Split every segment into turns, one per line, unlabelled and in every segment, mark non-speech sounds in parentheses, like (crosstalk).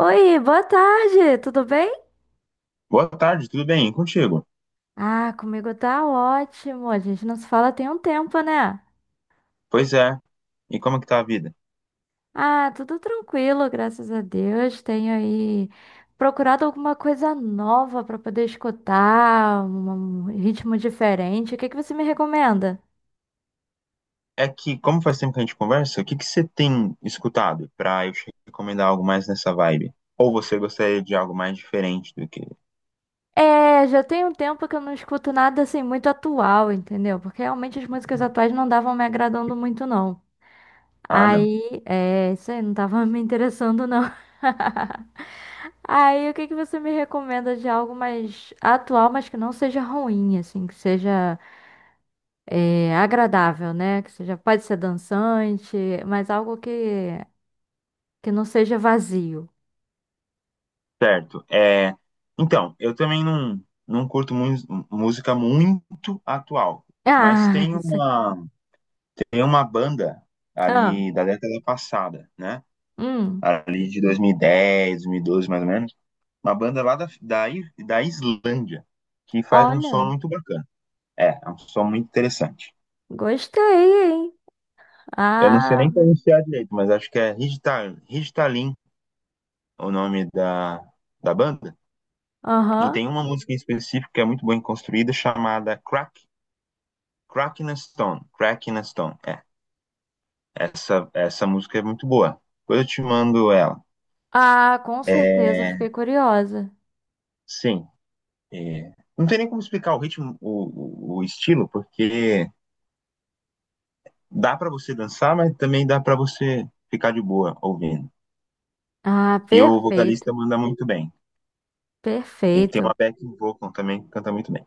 Oi, boa tarde, tudo bem?
Boa tarde, tudo bem? E contigo?
Ah, comigo tá ótimo. A gente não se fala tem um tempo, né?
Pois é. E como é que tá a vida?
Ah, tudo tranquilo, graças a Deus. Tenho aí procurado alguma coisa nova pra poder escutar, um ritmo diferente. O que que você me recomenda?
É que, como faz tempo que a gente conversa, o que que você tem escutado pra eu te recomendar algo mais nessa vibe? Ou você gostaria de algo mais diferente do que.
É, já tem um tempo que eu não escuto nada assim muito atual, entendeu? Porque realmente as músicas atuais não davam me agradando muito, não.
Ah, não.
Aí, é, isso aí não tava me interessando, não. (laughs) Aí, o que que você me recomenda de algo mais atual, mas que não seja ruim, assim, que seja agradável, né? Que seja, pode ser dançante, mas algo que não seja vazio. (laughs)
Certo. Então, eu também não curto música muito atual, mas
Ah,
tem
isso aí.
uma, tem uma banda
Ah,
ali da década passada, né?
hum,
Ali de 2010, 12, mais ou menos. Uma banda lá da Islândia, que faz um som
olha,
muito bacana. É um som muito interessante.
gostei, hein?
Eu não sei
Ah,
nem pronunciar direito, mas acho que é Ridtalin, o nome da banda. E
aham.
tem uma música em específico que é muito bem construída, chamada Crack in a Stone. Crack in a Stone, é. Essa música é muito boa. Depois eu te mando ela.
Ah, com
É,
certeza, eu fiquei curiosa.
Sim, não tem nem como explicar o ritmo, o estilo, porque dá para você dançar, mas também dá para você ficar de boa ouvindo.
Ah,
E o
perfeito,
vocalista manda muito bem. Ele tem
perfeito.
uma backing vocal também que canta muito bem.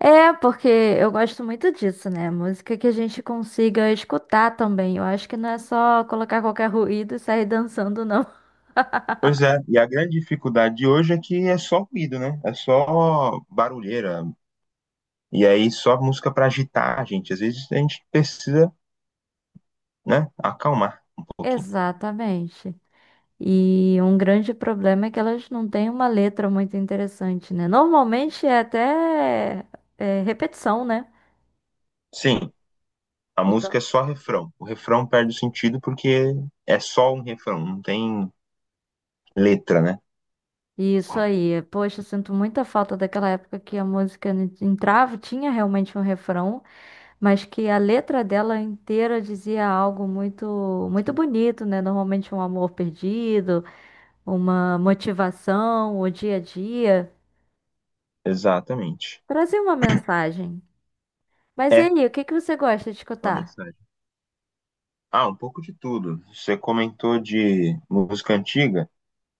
É, porque eu gosto muito disso, né? Música que a gente consiga escutar também. Eu acho que não é só colocar qualquer ruído e sair dançando, não. (laughs)
Pois é, e a grande dificuldade de hoje é que é só ruído, né? É só barulheira. E aí só música para agitar a gente. Às vezes a gente precisa, né, acalmar um pouquinho.
Exatamente. E um grande problema é que elas não têm uma letra muito interessante, né? Normalmente é até repetição, né?
Sim, a música é
Então,
só refrão. O refrão perde o sentido porque é só um refrão, não tem letra, né?
isso aí. Poxa, eu sinto muita falta daquela época que a música entrava, tinha realmente um refrão. Mas que a letra dela inteira dizia algo muito muito bonito, né? Normalmente um amor perdido, uma motivação, o dia a dia,
Exatamente.
trazia uma mensagem. Mas e
É
aí, o que que você gosta de
uma
escutar?
mensagem. Ah, um pouco de tudo. Você comentou de música antiga.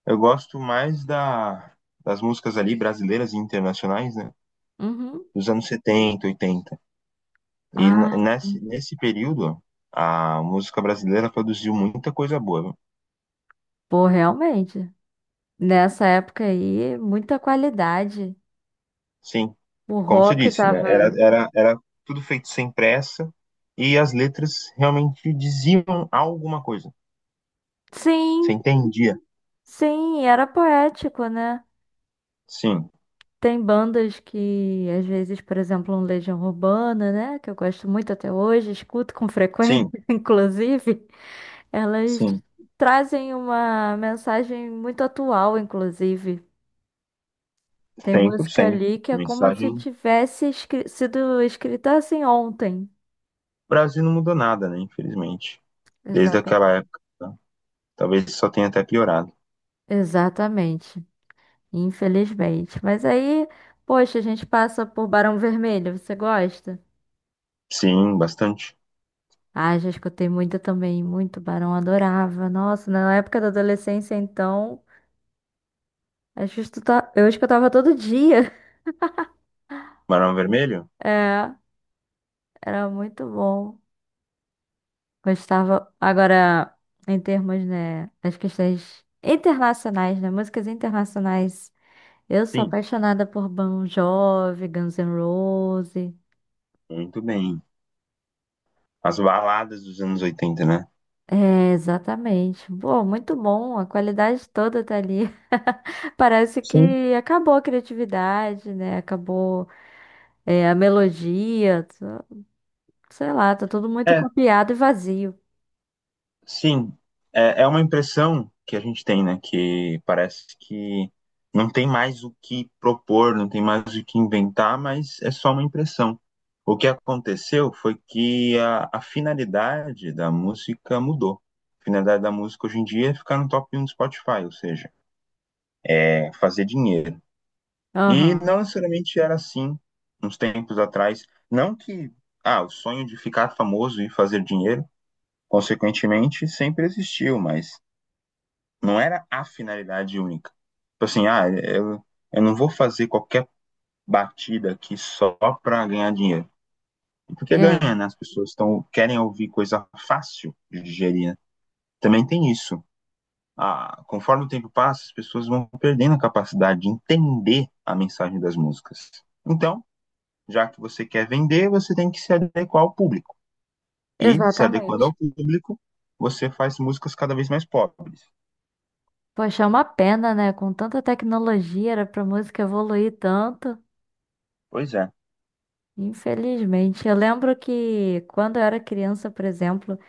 Eu gosto mais das músicas ali brasileiras e internacionais, né?
Uhum.
Dos anos 70, 80. E n-
Ah,
nesse, nesse período, a música brasileira produziu muita coisa boa. Viu?
pô, realmente. Nessa época aí, muita qualidade.
Sim,
O
como você
rock
disse, né? Era,
tava.
era, era tudo feito sem pressa e as letras realmente diziam alguma coisa. Você
Sim,
entendia?
sim, era poético, né?
Sim,
Tem bandas que, às vezes, por exemplo, um Legião Urbana, né? Que eu gosto muito até hoje, escuto com frequência,
sim,
(laughs) inclusive. Elas
sim.
trazem uma mensagem muito atual, inclusive. Tem música
100%.
ali que
A
é como se
mensagem
tivesse sido escrita assim ontem.
O Brasil não mudou nada, né? Infelizmente. Desde
Exatamente.
aquela época. Tá? Talvez só tenha até piorado.
Exatamente. Infelizmente. Mas aí, poxa, a gente passa por Barão Vermelho. Você gosta?
Sim, bastante.
Ah, já escutei muito também, muito Barão, adorava. Nossa, na época da adolescência, então, eu escutava todo dia. (laughs)
Barão Vermelho?
É, era muito bom. Gostava. Agora, em termos, né, das questões internacionais, né, músicas internacionais, eu sou
Sim,
apaixonada por Bon Jovi, Guns N' Roses.
muito bem. As baladas dos anos 80, né?
É, exatamente. Pô, muito bom, a qualidade toda tá ali. (laughs) Parece
Sim.
que acabou a criatividade, né? Acabou. É, a melodia, sei lá, tá tudo muito
É,
copiado e vazio.
Sim, é uma impressão que a gente tem, né? Que parece que não tem mais o que propor, não tem mais o que inventar, mas é só uma impressão. O que aconteceu foi que a finalidade da música mudou. A finalidade da música hoje em dia é ficar no top 1 do Spotify, ou seja, é fazer dinheiro. E
Aham,
não necessariamente era assim uns tempos atrás. Não que o sonho de ficar famoso e fazer dinheiro, consequentemente, sempre existiu, mas não era a finalidade única. Tipo assim, eu não vou fazer qualquer batida aqui só para ganhar dinheiro. E porque
é,
ganha, né? As pessoas querem ouvir coisa fácil de digerir, né? Também tem isso. Ah, conforme o tempo passa, as pessoas vão perdendo a capacidade de entender a mensagem das músicas. Então, já que você quer vender, você tem que se adequar ao público. E, se adequando
exatamente.
ao público, você faz músicas cada vez mais pobres.
Poxa, é uma pena, né? Com tanta tecnologia, era pra música evoluir tanto.
Pois é.
Infelizmente. Eu lembro que quando eu era criança, por exemplo,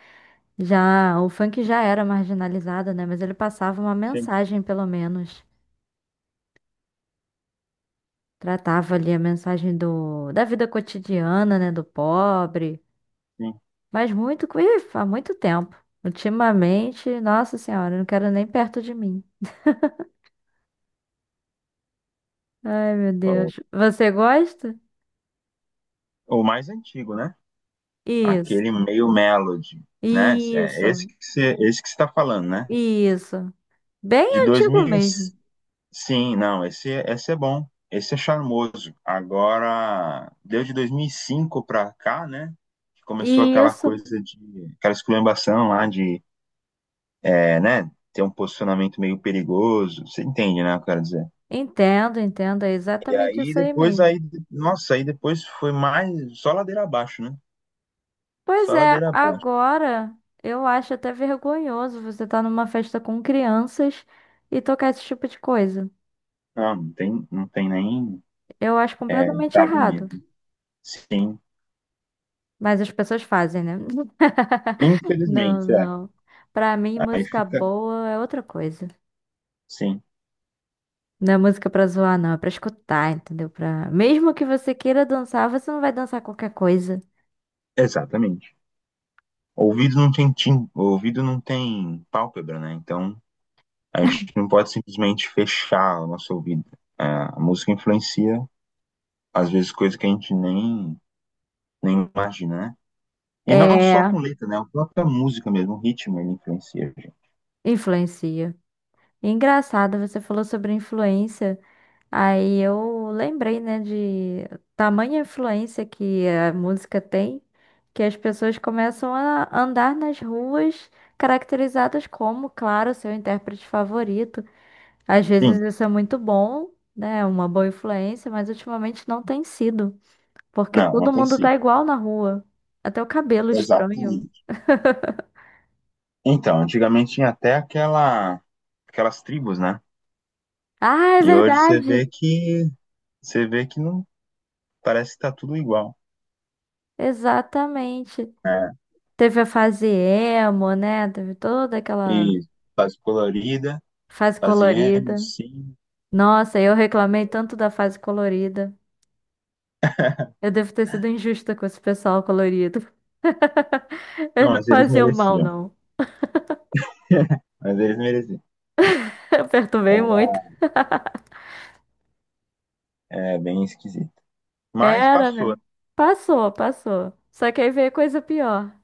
já o funk já era marginalizado, né? Mas ele passava uma
Sim,
mensagem, pelo menos. Tratava ali a mensagem do, da vida cotidiana, né? Do pobre.
sim.
Mas muito, ih, há muito tempo. Ultimamente, nossa senhora, não quero nem perto de mim. Ai, meu
Oh,
Deus. Você gosta?
o mais antigo, né?
Isso.
Aquele meio Melody, né? É esse
Isso.
que você, esse que você tá falando, né?
Isso. Bem
De
antigo
2000,
mesmo.
sim, não, esse é bom, esse é charmoso. Agora, deu de 2005 para cá, né? Que começou aquela
Isso.
coisa de, aquela esculhambação lá de, né? Ter um posicionamento meio perigoso, você entende, né? Eu quero dizer.
Entendo, entendo. É
E
exatamente
aí
isso aí
depois,
mesmo.
aí, nossa, aí depois foi mais, só ladeira abaixo, né?
Pois
Só
é,
ladeira abaixo.
agora eu acho até vergonhoso você estar numa festa com crianças e tocar esse tipo de coisa.
Não, não tem nem.
Eu acho
É,
completamente
cabe
errado.
mesmo. Sim.
Mas as pessoas fazem, né? (laughs) Não,
Infelizmente, é.
não. Pra mim,
Aí
música
fica.
boa é outra coisa.
Sim,
Não é música pra zoar, não. É pra escutar, entendeu? Pra... Mesmo que você queira dançar, você não vai dançar qualquer coisa.
exatamente. O ouvido não tem tim... o ouvido não tem pálpebra, né? Então a gente não pode simplesmente fechar o nosso ouvido. É, a música influencia, às vezes, coisas que a gente nem imagina, né? E não só
É,
com letra, né? A própria música mesmo, o ritmo, ele influencia, gente.
influencia. Engraçado, você falou sobre influência. Aí eu lembrei, né, de tamanha influência que a música tem, que as pessoas começam a andar nas ruas caracterizadas como, claro, seu intérprete favorito. Às
Sim,
vezes isso é muito bom, né? Uma boa influência, mas ultimamente não tem sido, porque
não
todo
tem
mundo
sido.
tá igual na rua. Até o cabelo estranho.
Exatamente. Então, antigamente tinha até aquelas tribos, né?
Ah, é
E hoje você
verdade!
vê que não parece que tá tudo igual.
Exatamente.
É,
Teve a fase emo, né? Teve toda aquela
e fase colorida,
fase
fase emo,
colorida.
sim.
Nossa, eu reclamei tanto da fase colorida. Eu devo ter sido injusta com esse pessoal colorido. (laughs) Eles
Não,
não
mas eles
faziam mal,
mereciam.
não.
(laughs) Mas eles mereciam.
(laughs) Eu perturbei muito.
É bem esquisito. Mas
Era,
passou,
né?
né?
Passou, passou. Só que aí veio coisa pior.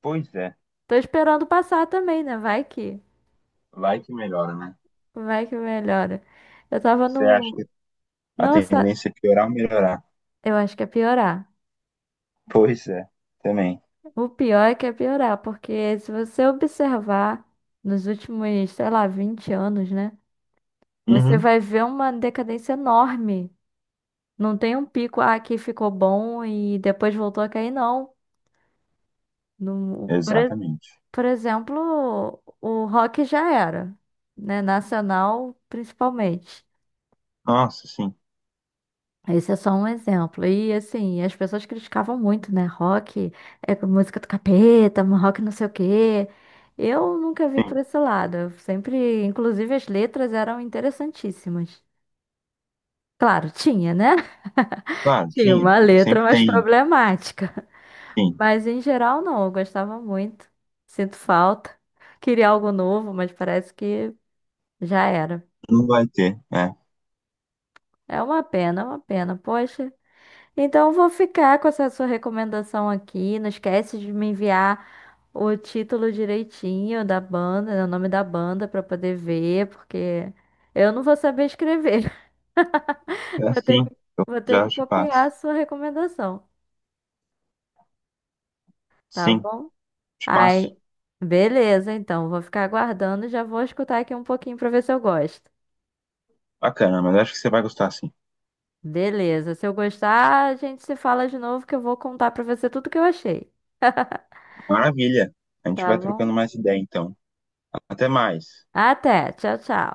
Pois é,
Tô esperando passar também, né?
vai que melhora, né?
Vai que melhora. Eu tava
Você acha
no.
que a
Nossa,
tendência é piorar ou melhorar?
eu acho que é piorar.
Pois é, também.
O pior é que é piorar, porque se você observar nos últimos, sei lá, 20 anos, né? Você
Uhum.
vai ver uma decadência enorme. Não tem um pico, ah, aqui ficou bom e depois voltou a cair, não. No, por, e-
Exatamente.
por exemplo, o rock já era, né? Nacional, principalmente.
Nossa, sim.
Esse é só um exemplo. E assim, as pessoas criticavam muito, né? Rock é música do capeta, rock não sei o quê. Eu nunca vi por
Sim.
esse lado. Eu sempre, inclusive, as letras eram interessantíssimas. Claro, tinha, né? (laughs)
Claro,
Tinha
tinha.
uma
Sim.
letra
Sempre
mais
tem.
problemática.
Sim.
Mas em geral, não. Eu gostava muito. Sinto falta. Queria algo novo, mas parece que já era.
Não vai ter, né?
É uma pena, é uma pena. Poxa. Então, eu vou ficar com essa sua recomendação aqui. Não esquece de me enviar o título direitinho da banda, né, o nome da banda para poder ver, porque eu não vou saber escrever. (laughs) Vou ter
Sim.
que,
Eu
vou ter
já
que
te
copiar a
passo.
sua recomendação, tá
Sim,
bom?
te passo.
Aí, beleza, então, vou ficar aguardando e já vou escutar aqui um pouquinho para ver se eu gosto.
Bacana, mas acho que você vai gostar sim.
Beleza, se eu gostar, a gente se fala de novo que eu vou contar para você tudo que eu achei,
Maravilha. A gente
tá
vai trocando
bom?
mais ideia, então. Até mais.
Até, tchau, tchau.